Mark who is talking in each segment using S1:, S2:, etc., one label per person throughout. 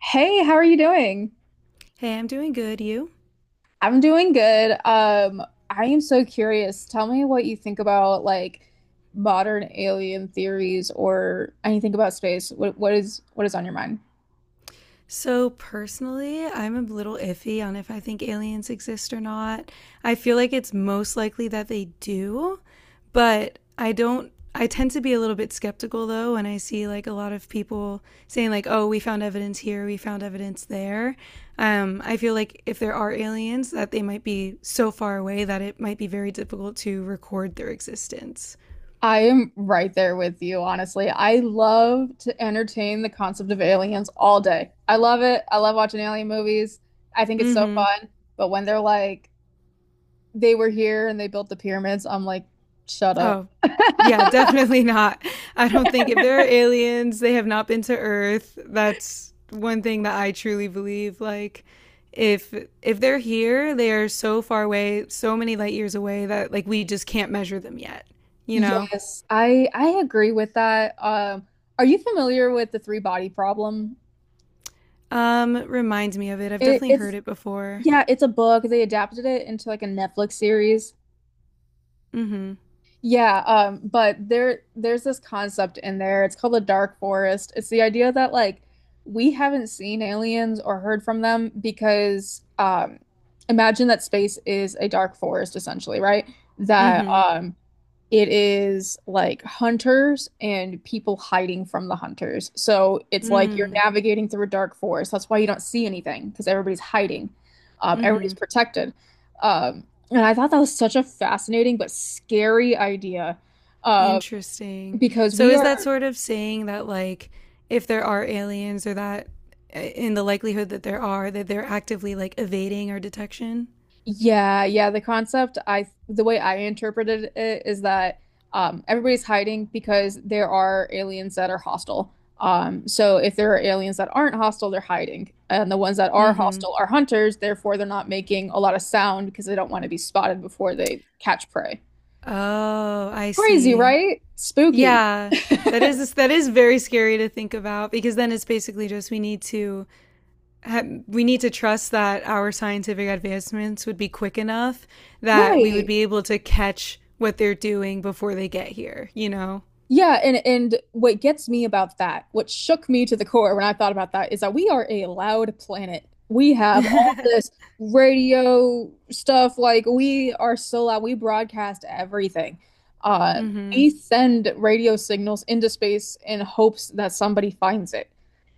S1: Hey, how are you doing?
S2: Hey, I'm doing good. You?
S1: I'm doing good. I am so curious. Tell me what you think about like modern alien theories or anything about space. What is on your mind?
S2: So, personally, I'm a little iffy on if I think aliens exist or not. I feel like it's most likely that they do, but I don't. I tend to be a little bit skeptical though when I see like a lot of people saying like, "Oh, we found evidence here, we found evidence there." I feel like if there are aliens, that they might be so far away that it might be very difficult to record their existence.
S1: I am right there with you, honestly. I love to entertain the concept of aliens all day. I love it. I love watching alien movies. I think it's so
S2: Mm-hmm.
S1: fun. But when they're like, they were here and they built the pyramids, I'm like, shut up.
S2: Oh, yeah, definitely not. I don't think if there are aliens, they have not been to Earth. That's one thing that I truly believe. Like, if if they're here, they are so far away, so many light years away that like we just can't measure them yet. You know.
S1: Yes, I agree with that. Are you familiar with the three body problem?
S2: Reminds me of it. I've
S1: It,
S2: definitely
S1: it's
S2: heard it before.
S1: yeah, it's a book. They adapted it into like a Netflix series.
S2: Mm-hmm.
S1: Yeah, but there's this concept in there. It's called the dark forest. It's the idea that like we haven't seen aliens or heard from them because imagine that space is a dark forest essentially, right? That
S2: Mm-hmm.
S1: it is like hunters and people hiding from the hunters. So it's like you're
S2: Mm.
S1: navigating through a dark forest. That's why you don't see anything because everybody's hiding. Everybody's
S2: Mm-hmm.
S1: protected. And I thought that was such a fascinating but scary idea uh,
S2: Interesting.
S1: because
S2: So
S1: we
S2: is that
S1: are
S2: sort of saying that like if there are aliens or that in the likelihood that there are that they're actively like evading our detection?
S1: yeah, yeah, the concept I the way I interpreted it is that everybody's hiding because there are aliens that are hostile. So if there are aliens that aren't hostile, they're hiding. And the ones that are
S2: Mhm.
S1: hostile are hunters, therefore they're not making a lot of sound because they don't want to be spotted before they catch prey.
S2: Oh, I
S1: Crazy,
S2: see.
S1: right? Spooky.
S2: Yeah. That is very scary to think about because then it's basically just we need to we need to trust that our scientific advancements would be quick enough that we would
S1: Right.
S2: be able to catch what they're doing before they get here, you know?
S1: Yeah, and what gets me about that, what shook me to the core when I thought about that, is that we are a loud planet. We have all this radio stuff, like we are so loud. We broadcast everything. Uh,
S2: Mhm.
S1: we send radio signals into space in hopes that somebody finds it.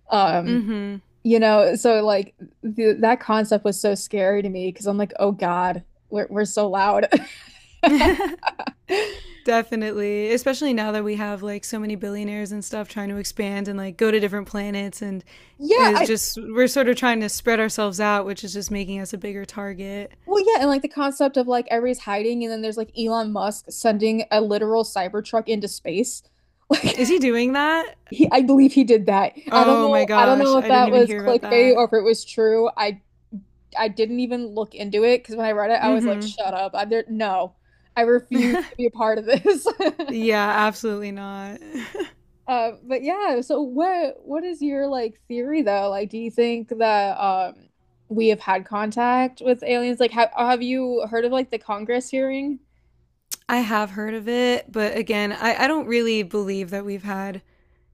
S1: Um,
S2: Mhm.
S1: you know, so like the, that concept was so scary to me because I'm like, oh God, we're so loud.
S2: Definitely, especially now that we have like so many billionaires and stuff trying to expand and like go to different planets and
S1: Yeah,
S2: is
S1: I
S2: just we're sort of trying to spread ourselves out, which is just making us a bigger target.
S1: well, yeah, and like the concept of like everybody's hiding, and then there's like Elon Musk sending a literal Cybertruck into space. Like
S2: Is he doing that?
S1: he, I believe he did that. I don't
S2: Oh my
S1: know. I don't
S2: gosh,
S1: know if
S2: I didn't
S1: that
S2: even
S1: was
S2: hear about
S1: clickbait
S2: that.
S1: or if it was true. I didn't even look into it because when I read it, I was like,
S2: Mhm.
S1: shut up. I there no. I refuse to be a part of this.
S2: Yeah, absolutely not.
S1: But yeah, so what is your like theory though? Like, do you think that we have had contact with aliens? Like, have you heard of like the Congress hearing?
S2: I have heard of it, but again, I don't really believe that we've had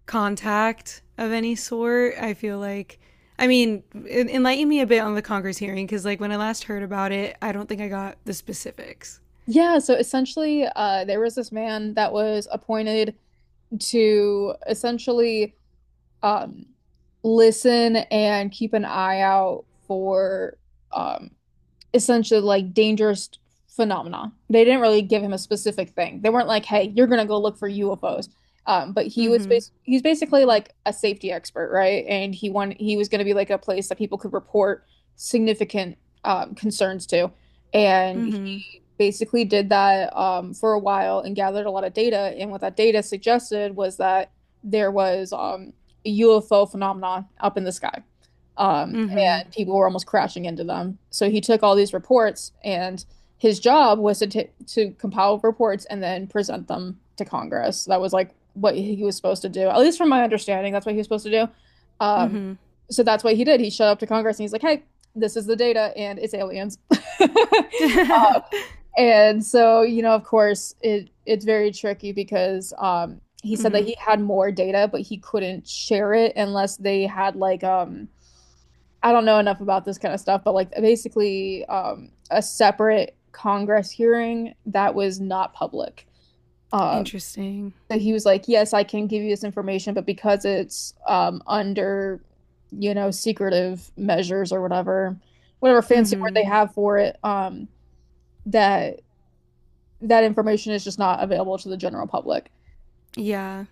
S2: contact of any sort. I feel like, I mean, enlighten me a bit on the Congress hearing because, like, when I last heard about it, I don't think I got the specifics.
S1: Yeah, so essentially, there was this man that was appointed to essentially um, listen and keep an eye out for um, essentially like dangerous phenomena. They didn't really give him a specific thing. They weren't like, "Hey, you're gonna go look for UFOs," but
S2: Mm-hmm.
S1: he's basically like a safety expert, right? And he was gonna be like a place that people could report significant concerns to. And
S2: Mm-hmm.
S1: basically did that for a while and gathered a lot of data. And what that data suggested was that there was a UFO phenomenon up in the sky, um,
S2: Mm-hmm.
S1: and people were almost crashing into them. So he took all these reports, and his job was to to compile reports and then present them to Congress. That was like what he was supposed to do, at least from my understanding. That's what he was supposed to do. Um,
S2: Mm-hmm.
S1: so that's what he did. He showed up to Congress and he's like, "Hey, this is the data, and it's aliens." And so, you know, of course, it's very tricky because he said that
S2: Mm-hmm.
S1: he had more data, but he couldn't share it unless they had like I don't know enough about this kind of stuff, but like basically a separate Congress hearing that was not public. Um
S2: Interesting.
S1: so he was like, "Yes, I can give you this information, but because it's under, you know, secretive measures or whatever, whatever fancy word
S2: Mm-hmm.
S1: they have for it, that that information is just not available to the general public.
S2: Yeah.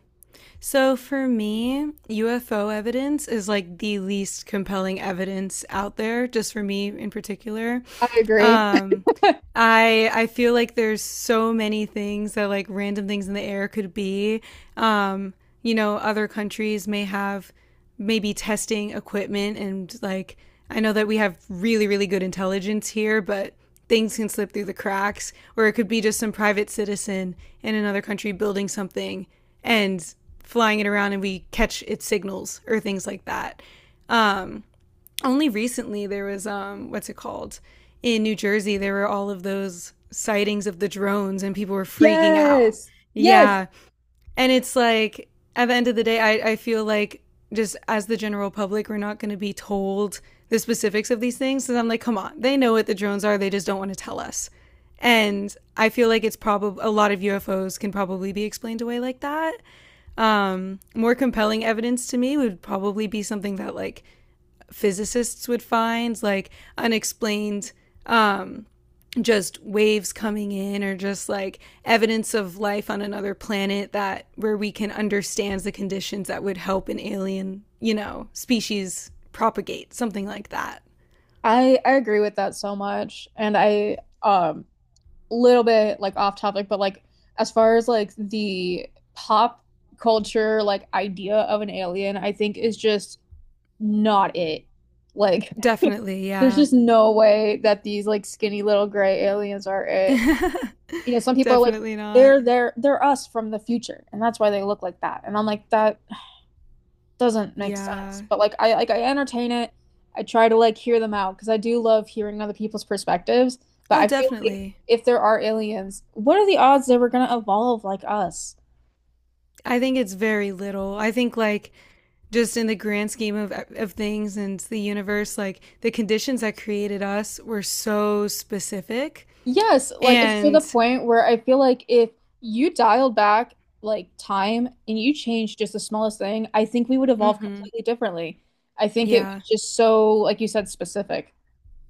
S2: So for me, UFO evidence is like the least compelling evidence out there, just for me in particular.
S1: I agree.
S2: Um, I feel like there's so many things that like random things in the air could be. Um, you know, other countries may have maybe testing equipment and like I know that we have really, really good intelligence here, but things can slip through the cracks, or it could be just some private citizen in another country building something and flying it around and we catch its signals or things like that. Only recently there was what's it called? In New Jersey there were all of those sightings of the drones and people were freaking out.
S1: Yes. Yes. Yeah.
S2: Yeah, and it's like, at the end of the day, I feel like just as the general public, we're not going to be told the specifics of these things. So I'm like, come on, they know what the drones are. They just don't want to tell us. And I feel like it's probably a lot of UFOs can probably be explained away like that. More compelling evidence to me would probably be something that like physicists would find, like unexplained um, just waves coming in or just like evidence of life on another planet that where we can understand the conditions that would help an alien, you know, species propagate, something like that.
S1: I agree with that so much. And I little bit like off topic, but like as far as like the pop culture like idea of an alien, I think is just not it. Like
S2: Definitely,
S1: there's
S2: yeah.
S1: just no way that these like skinny little gray aliens are it. You know, some people are like
S2: Definitely not.
S1: they're us from the future and that's why they look like that. And I'm like that doesn't make sense.
S2: Yeah.
S1: But like I entertain it. I try to like hear them out because I do love hearing other people's perspectives. But
S2: Oh,
S1: I feel like
S2: definitely.
S1: if there are aliens, what are the odds they were gonna evolve like us?
S2: I think it's very little. I think like just in the grand scheme of things and the universe, like the conditions that created us were so specific
S1: Yes, like it's to the
S2: and
S1: point where I feel like if you dialed back like time and you changed just the smallest thing, I think we would evolve
S2: mhm.
S1: completely differently. I think it
S2: Yeah.
S1: was just so, like you said, specific.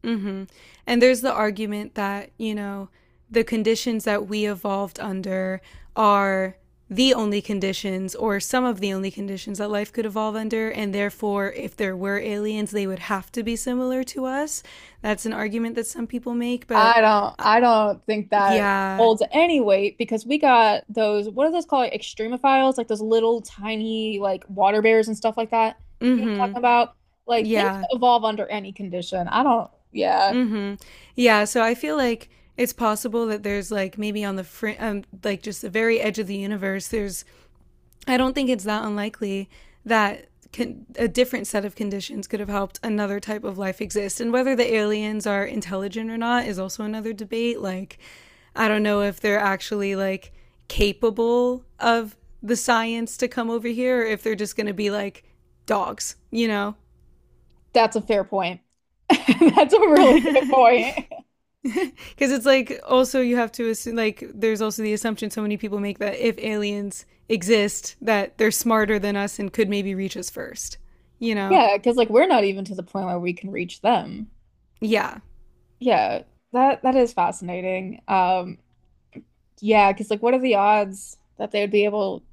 S2: Mm-hmm. And there's the argument that, you know, the conditions that we evolved under are the only conditions or some of the only conditions that life could evolve under. And therefore, if there were aliens, they would have to be similar to us. That's an argument that some people make. But
S1: I don't think that
S2: yeah.
S1: holds any weight because we got those what are those called like extremophiles like those little tiny like water bears and stuff like that. You know what I'm
S2: Mm-hmm.
S1: talking about? Like things
S2: Yeah.
S1: evolve under any condition. I don't yeah,
S2: Mm-hmm. Yeah. So I feel like it's possible that there's like maybe on the like just the very edge of the universe, there's I don't think it's that unlikely that a different set of conditions could have helped another type of life exist. And whether the aliens are intelligent or not is also another debate. Like, I don't know if they're actually like capable of the science to come over here or if they're just going to be like dogs, you know?
S1: that's a fair point. That's a really good
S2: Because
S1: point.
S2: it's like also you have to assume, like, there's also the assumption so many people make that if aliens exist, that they're smarter than us and could maybe reach us first, you know?
S1: Yeah, because like we're not even to the point where we can reach them.
S2: Yeah.
S1: Yeah, that that is fascinating. Yeah, because like, what are the odds that they would be able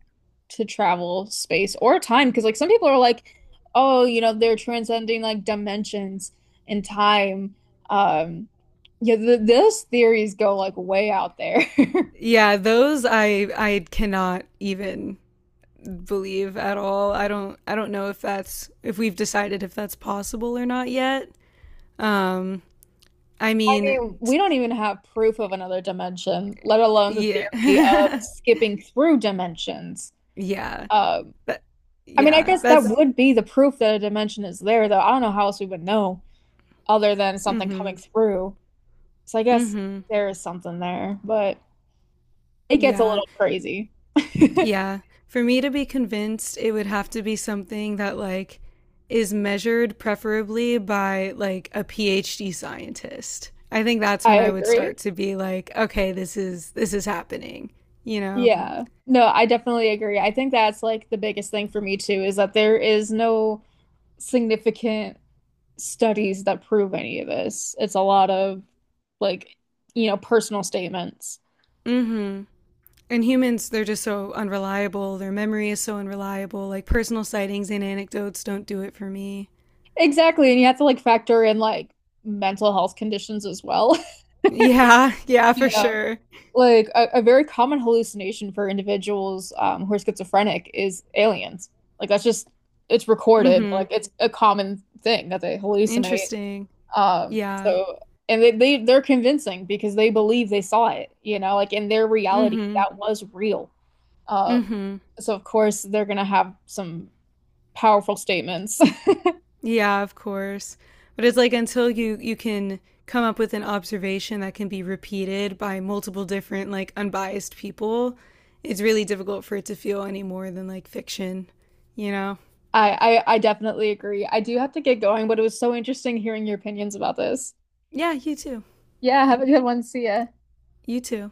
S1: to travel space or time? Because like, some people are like, oh, you know, they're transcending like dimensions and time. Um, yeah, th those theories go like way out there.
S2: Yeah, those I cannot even believe at all. I don't know if that's if we've decided if that's possible or not yet. Um I
S1: I
S2: mean,
S1: mean, we don't even have proof of another dimension, let alone the theory of
S2: yeah.
S1: skipping through dimensions.
S2: Yeah.
S1: Um,
S2: But
S1: I mean, I
S2: yeah,
S1: guess that
S2: that's
S1: would be the proof that a dimension is there, though. I don't know how else we would know other than something coming
S2: mhm.
S1: through. So I guess
S2: Mhm.
S1: there is something there, but it gets a
S2: Yeah.
S1: little crazy.
S2: Yeah. For me to be convinced, it would have to be something that like is measured preferably by like a PhD scientist. I think that's
S1: I
S2: when I would
S1: agree.
S2: start to be like, okay, this is happening, you know.
S1: Yeah. No, I definitely agree. I think that's like the biggest thing for me too is that there is no significant studies that prove any of this. It's a lot of like, you know, personal statements.
S2: Mhm. And humans, they're just so unreliable. Their memory is so unreliable. Like personal sightings and anecdotes don't do it for me.
S1: Exactly. And you have to like factor in like mental health conditions as well.
S2: Yeah, yeah,
S1: You
S2: for
S1: know,
S2: sure.
S1: like a very common hallucination for individuals who are schizophrenic is aliens. Like that's just it's recorded.
S2: Mhm.
S1: Like it's a common thing that they hallucinate.
S2: Interesting. Yeah.
S1: So and they, they're convincing because they believe they saw it, you know, like in their reality
S2: Mhm.
S1: that was real. Uh,
S2: Mhm.
S1: so of course they're gonna have some powerful statements.
S2: Yeah, of course. But it's like until you can come up with an observation that can be repeated by multiple different like unbiased people, it's really difficult for it to feel any more than like fiction, you know?
S1: I definitely agree. I do have to get going, but it was so interesting hearing your opinions about this.
S2: Yeah, you too.
S1: Yeah, have a good one. See ya.
S2: You too.